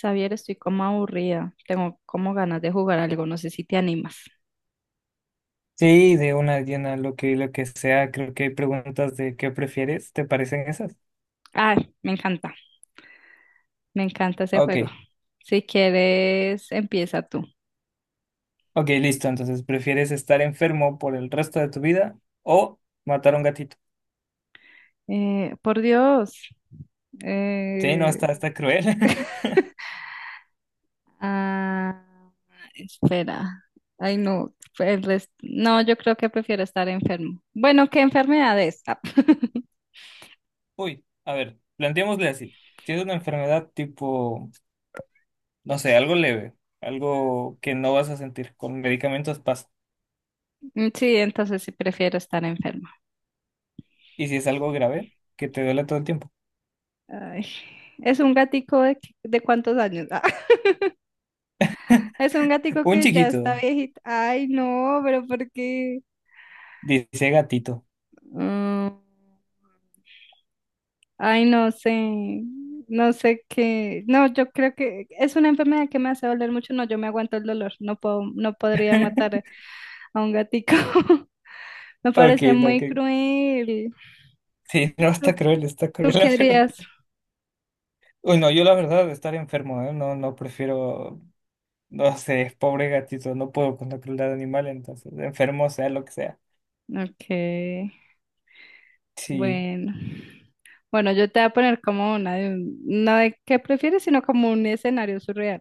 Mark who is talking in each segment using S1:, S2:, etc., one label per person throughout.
S1: Xavier, estoy como aburrida. Tengo como ganas de jugar algo. No sé si te animas.
S2: Sí, de una llena, lo que sea, creo que hay preguntas de qué prefieres, ¿te parecen esas?
S1: Ay, me encanta. Me encanta ese
S2: Ok,
S1: juego. Si quieres, empieza tú.
S2: ok, listo, entonces, ¿prefieres estar enfermo por el resto de tu vida o matar a un gatito?
S1: Por Dios.
S2: Sí, no,
S1: eh,
S2: está cruel.
S1: ah, Espera. Ay, no. No, yo creo que prefiero estar enfermo. Bueno, ¿qué enfermedad es?
S2: Uy, a ver, planteémosle así, si es una enfermedad tipo, no sé, algo leve, algo que no vas a sentir, con medicamentos pasa,
S1: Sí, entonces sí prefiero estar enfermo.
S2: y si es algo grave, que te duele todo el tiempo.
S1: Ay, ¿es un gatico de, de cuántos años? Es un gatico
S2: Un
S1: que ya está
S2: chiquito,
S1: viejito. Ay, no, pero ¿por qué?
S2: dice gatito.
S1: Mm, Ay, no sé. No sé qué. No, yo creo que es una enfermedad que me hace doler mucho. No, yo me aguanto el dolor. No puedo, no podría matar a un gatico. Me
S2: Ok,
S1: parece
S2: no,
S1: muy cruel.
S2: sí, no,
S1: ¿Tú,
S2: está cruel,
S1: tú
S2: la
S1: qué
S2: verdad.
S1: harías?
S2: Uy, no, yo la verdad, estar enfermo, ¿eh? No, no prefiero, no sé, pobre gatito, no puedo con la crueldad animal, entonces, enfermo sea lo que sea.
S1: Ok,
S2: Sí,
S1: bueno. Bueno, yo te voy a poner como una de no de qué prefieres, sino como un escenario surreal.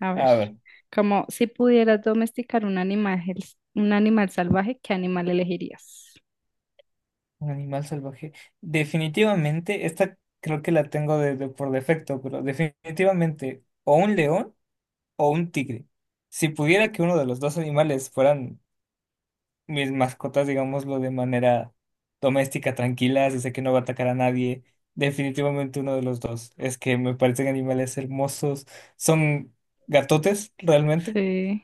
S1: A ver,
S2: a ver,
S1: como si pudieras domesticar un animal salvaje, ¿qué animal elegirías?
S2: un animal salvaje. Definitivamente, esta creo que la tengo por defecto, pero definitivamente, o un león o un tigre. Si pudiera que uno de los dos animales fueran mis mascotas, digámoslo de manera doméstica, tranquilas, y sé que no va a atacar a nadie. Definitivamente uno de los dos. Es que me parecen animales hermosos. Son gatotes realmente
S1: Sí,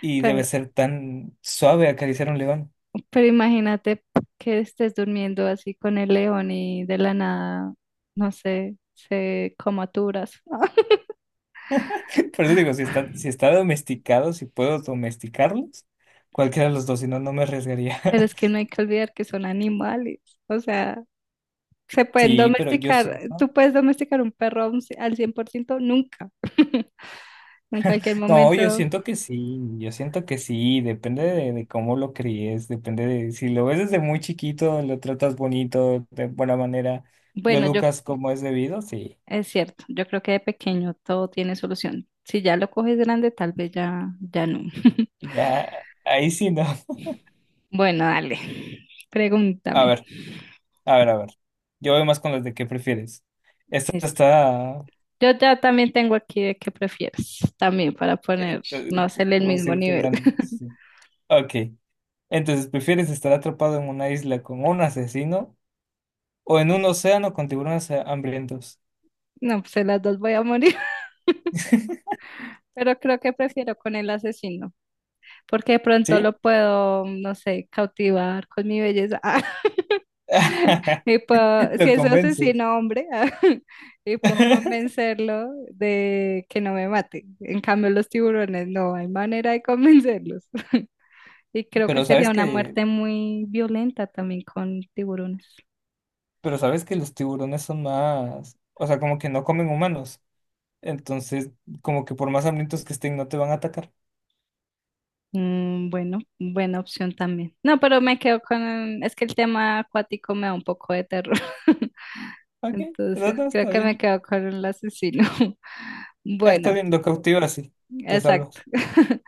S2: y debe
S1: pero,
S2: ser tan suave acariciar a un león.
S1: pero imagínate que estés durmiendo así con el león y de la nada, no sé, se comaturas.
S2: Por eso digo, si está domesticado, si puedo domesticarlos, cualquiera de los dos, si no, no me arriesgaría.
S1: Pero es que no hay que olvidar que son animales, o sea, se pueden
S2: Sí, pero yo
S1: domesticar,
S2: siento.
S1: tú puedes domesticar un perro a un al 100% nunca, en cualquier
S2: No, yo
S1: momento.
S2: siento que sí, yo siento que sí, depende de cómo lo críes, depende de si lo ves desde muy chiquito, lo tratas bonito, de buena manera, lo
S1: Bueno, yo
S2: educas como es debido, sí,
S1: es cierto, yo creo que de pequeño todo tiene solución. Si ya lo coges grande, tal vez ya, ya no.
S2: ya, ahí sí no.
S1: Bueno, dale,
S2: A
S1: pregúntame.
S2: ver, a ver, a ver, yo voy más con las de qué prefieres. Esta
S1: Listo.
S2: está,
S1: Yo ya también tengo aquí de qué prefieres, también para poner,
S2: esta-
S1: no hacerle el
S2: debo
S1: mismo
S2: decirte
S1: nivel.
S2: una- Sí. Ok, entonces, ¿prefieres estar atrapado en una isla con un asesino o en un océano con tiburones hambrientos?
S1: No, pues en las dos voy a morir, pero creo que prefiero con el asesino, porque de pronto
S2: ¿Sí?
S1: lo puedo, no sé, cautivar con mi belleza. Y puedo, si
S2: Lo
S1: es
S2: convence.
S1: asesino hombre, y puedo convencerlo de que no me mate. En cambio, los tiburones no, hay manera de convencerlos. Y creo que
S2: Pero
S1: sería
S2: sabes
S1: una
S2: que,
S1: muerte muy violenta también con tiburones.
S2: pero sabes que los tiburones son más, o sea, como que no comen humanos. Entonces, como que por más hambrientos que estén, no te van a atacar.
S1: Mm, bueno, buena opción también. No, pero me quedo con, es que el tema acuático me da un poco de terror.
S2: Ok, no,
S1: Entonces,
S2: no,
S1: creo
S2: está
S1: que me
S2: bien.
S1: quedo con el asesino.
S2: Ah, está
S1: Bueno,
S2: bien, lo cautivo así. Te
S1: exacto.
S2: salvas.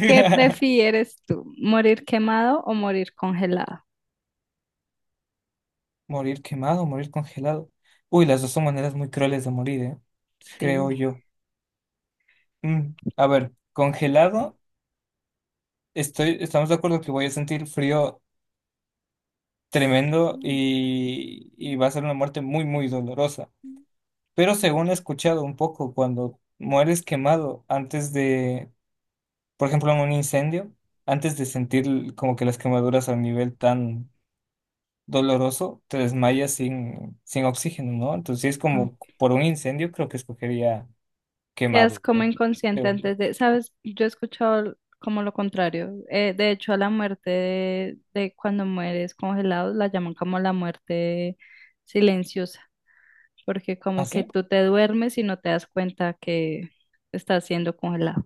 S1: ¿Qué prefieres tú? ¿Morir quemado o morir congelado?
S2: Morir quemado, morir congelado. Uy, las dos son maneras muy crueles de morir, ¿eh?
S1: Sí.
S2: Creo yo. Mm, A ver, congelado, estamos de acuerdo que voy a sentir frío tremendo y va a ser una muerte muy, muy dolorosa. Pero según he escuchado un poco, cuando mueres quemado antes de, por ejemplo, en un incendio, antes de sentir como que las quemaduras a un nivel tan doloroso, te desmayas sin oxígeno, ¿no? Entonces, si es como por un incendio, creo que escogería
S1: Quedas
S2: quemado,
S1: como inconsciente
S2: creo yo.
S1: antes de, ¿sabes? Yo he escuchado como lo contrario. De hecho, a la muerte de cuando mueres congelado la llaman como la muerte silenciosa, porque
S2: ¿Ah,
S1: como que
S2: sí?
S1: tú te duermes y no te das cuenta que estás siendo congelado.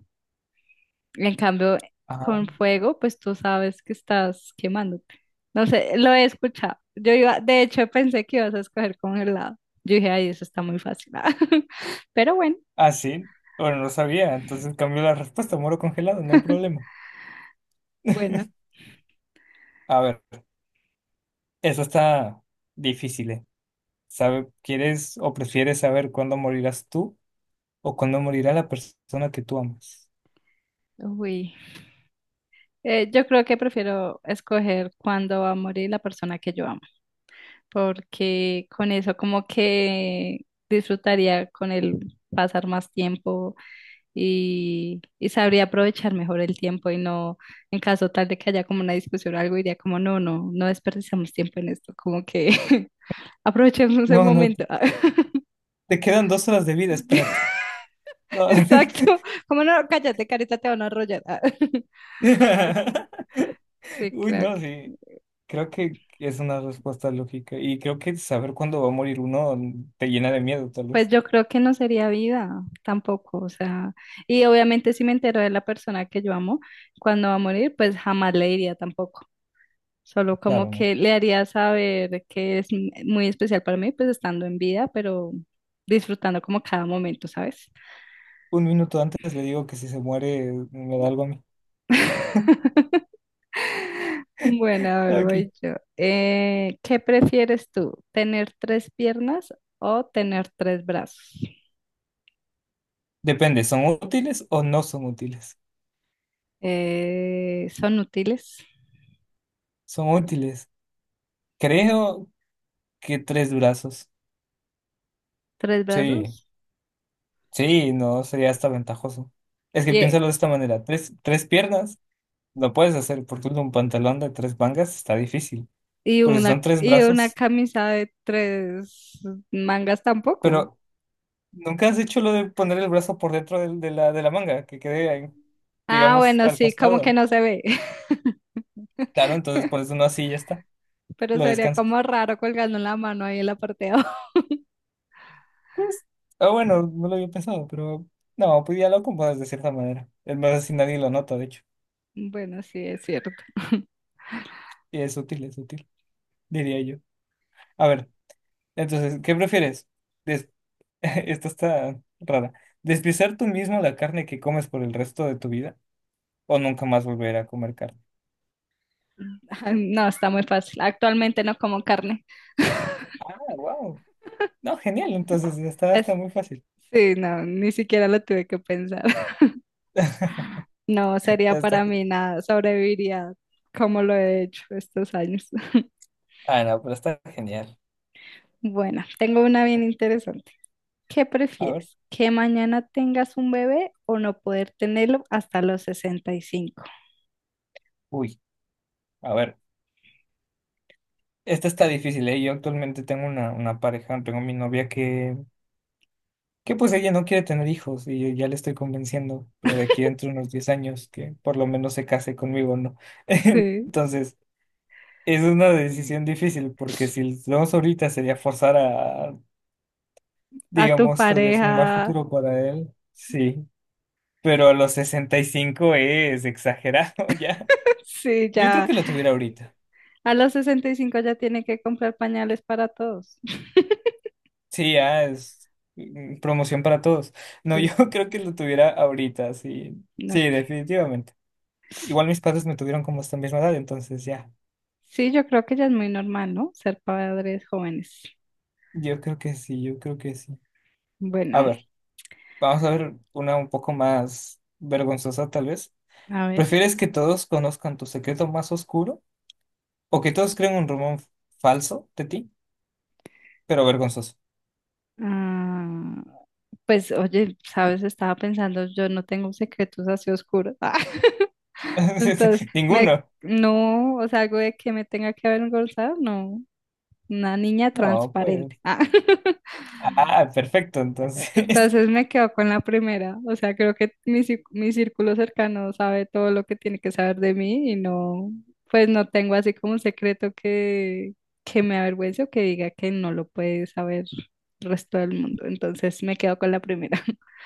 S1: En cambio,
S2: Ajá.
S1: con fuego, pues tú sabes que estás quemándote. No sé, lo he escuchado. Yo iba, de hecho, pensé que ibas a escoger congelado. Yo dije, ay, eso está muy fácil. Pero bueno,
S2: ¿Ah, sí? Bueno, no sabía, entonces cambió la respuesta, muero congelado, no hay problema.
S1: bueno.
S2: A ver, eso está difícil, ¿eh? ¿Quieres o prefieres saber cuándo morirás tú o cuando morirá la persona que tú amas.
S1: Uy. Yo creo que prefiero escoger cuándo va a morir la persona que yo amo, porque con eso como que disfrutaría con él pasar más tiempo, y sabría aprovechar mejor el tiempo y no, en caso tal de que haya como una discusión o algo, diría como, no, no, no desperdiciamos tiempo en esto, como que aprovechemos el
S2: No, no,
S1: momento.
S2: te quedan dos horas de vida, espérate. No.
S1: Exacto, como no, cállate, carita, te van a arrollar. Sí,
S2: Uy,
S1: creo
S2: no,
S1: que.
S2: sí, creo que es una respuesta lógica y creo que saber cuándo va a morir uno te llena de miedo, tal
S1: Pues
S2: vez.
S1: yo creo que no sería vida tampoco, o sea, y obviamente si me entero de la persona que yo amo, cuando va a morir, pues jamás le diría tampoco. Solo como
S2: Claro, no.
S1: que le haría saber que es muy especial para mí, pues estando en vida, pero disfrutando como cada momento, ¿sabes?
S2: Un minuto antes le digo que si se muere me da algo a mí.
S1: Bueno, a ver, voy
S2: Aquí.
S1: yo. ¿Qué prefieres tú? ¿Tener tres piernas o tener tres brazos?
S2: Depende, ¿son útiles o no son útiles?
S1: ¿Son útiles?
S2: Son útiles. Creo que tres durazos.
S1: ¿Tres
S2: Sí.
S1: brazos?
S2: Sí, no, sería hasta ventajoso. Es que
S1: Yeah.
S2: piénsalo de esta manera, tres piernas lo puedes hacer porque un pantalón de tres mangas está difícil, pero si son tres
S1: Y una
S2: brazos,
S1: camisa de tres mangas tampoco.
S2: pero nunca has hecho lo de poner el brazo por dentro de la manga, que quede, ahí,
S1: Ah,
S2: digamos,
S1: bueno,
S2: al
S1: sí, como que
S2: costado.
S1: no se ve.
S2: Claro, entonces por eso no así ya está,
S1: Pero
S2: lo
S1: sería
S2: descansas.
S1: como raro colgando la mano ahí en la parte de abajo.
S2: Pues, ah, bueno, no lo había pensado, pero no, pues ya lo acomodas de cierta manera. Es más, así nadie lo nota, de hecho,
S1: Bueno, sí, es cierto.
S2: y es útil, diría yo. A ver, entonces, ¿qué prefieres? Esto está rara. ¿Despiezar tú mismo la carne que comes por el resto de tu vida o nunca más volver a comer carne?
S1: No, está muy fácil. Actualmente no como carne.
S2: Ah, wow. No, genial. Entonces está
S1: Es-
S2: muy fácil.
S1: sí, no, ni siquiera lo tuve que pensar. No, sería
S2: Está
S1: para mí
S2: genial.
S1: nada. Sobreviviría como lo he hecho estos años.
S2: Ah, no, pero está genial.
S1: Bueno, tengo una bien interesante. ¿Qué
S2: A ver.
S1: prefieres? ¿Que mañana tengas un bebé o no poder tenerlo hasta los 65?
S2: Uy, a ver. Esta está difícil, ¿eh? Yo actualmente tengo una pareja, tengo mi novia que pues ella no quiere tener hijos y yo ya le estoy convenciendo, pero de aquí dentro de unos 10 años que por lo menos se case conmigo, ¿no?
S1: Sí,
S2: Entonces... Es una decisión difícil porque si lo vemos ahorita sería forzar a,
S1: a tu
S2: digamos, tal vez
S1: pareja.
S2: un mal futuro para él. Sí, pero a los 65 es exagerado ya.
S1: Sí,
S2: Yo creo
S1: ya.
S2: que lo tuviera ahorita.
S1: A los 65 ya tiene que comprar pañales para todos.
S2: Sí, ya es promoción para todos. No,
S1: Sí,
S2: yo creo que lo tuviera ahorita, sí.
S1: no,
S2: Sí,
S1: que-
S2: definitivamente. Igual mis padres me tuvieron como esta misma edad, entonces ya.
S1: sí, yo creo que ya es muy normal, ¿no? Ser padres jóvenes.
S2: Yo creo que sí, yo creo que sí. A
S1: Bueno,
S2: ver, vamos a ver una un poco más vergonzosa tal vez.
S1: a ver.
S2: ¿Prefieres que todos conozcan tu secreto más oscuro o que todos creen un rumor falso de ti, pero vergonzoso?
S1: Ah, pues, oye, sabes, estaba pensando, yo no tengo secretos así oscuros. Ah, entonces,
S2: Ninguno.
S1: no, o sea, algo de que me tenga que avergonzar, no. Una niña
S2: No, pues.
S1: transparente. Ah,
S2: Ah, perfecto, entonces.
S1: entonces me quedo con la primera, o sea, creo que mi círculo cercano sabe todo lo que tiene que saber de mí y no, pues no tengo así como un secreto que me avergüence o que diga que no lo puede saber el resto del mundo. Entonces me quedo con la primera.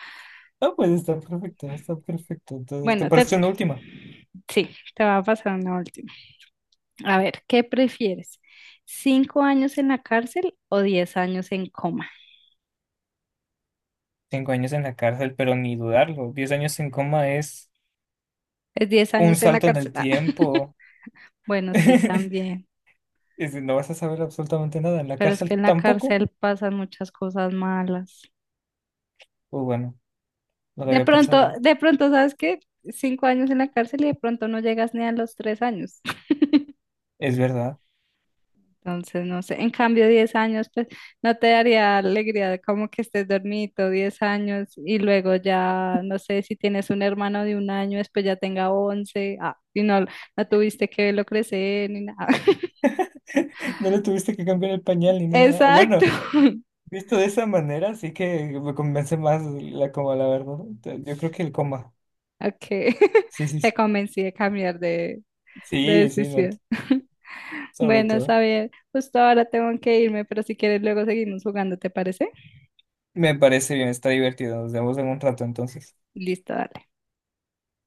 S2: No, pues está perfecto, está perfecto. Entonces, ¿te
S1: Bueno,
S2: parece una última?
S1: sí, te va a pasar una última. A ver, ¿qué prefieres? ¿5 años en la cárcel o 10 años en coma?
S2: 5 años en la cárcel, pero ni dudarlo. 10 años en coma es
S1: Es 10
S2: un
S1: años en la
S2: salto en
S1: cárcel.
S2: el
S1: Ah.
S2: tiempo.
S1: Bueno, sí, también.
S2: No vas a saber absolutamente nada. En la
S1: Pero es que
S2: cárcel
S1: en la
S2: tampoco.
S1: cárcel pasan muchas cosas malas.
S2: Pues bueno, no lo había pensado. ¿Eh?
S1: De pronto, ¿sabes qué? Cinco años en la cárcel y de pronto no llegas ni a los 3 años.
S2: Es verdad.
S1: Entonces, no sé, en cambio, 10 años, pues no te daría alegría de como que estés dormido 10 años y luego ya, no sé, si tienes un hermano de un año, después ya tenga 11, ah, y no, no tuviste que verlo crecer ni nada.
S2: No le tuviste que cambiar el pañal ni nada.
S1: Exacto.
S2: Bueno, visto de esa manera, sí que me convence más la coma, la verdad. Yo creo que el coma.
S1: Ok,
S2: Sí, sí,
S1: te
S2: sí.
S1: convencí de cambiar de
S2: Sí, sí, no,
S1: decisión.
S2: sobre
S1: Bueno,
S2: todo.
S1: Xavier, justo ahora tengo que irme, pero si quieres luego seguimos jugando, ¿te parece?
S2: Me parece bien, está divertido. Nos vemos en un rato entonces.
S1: Listo, dale.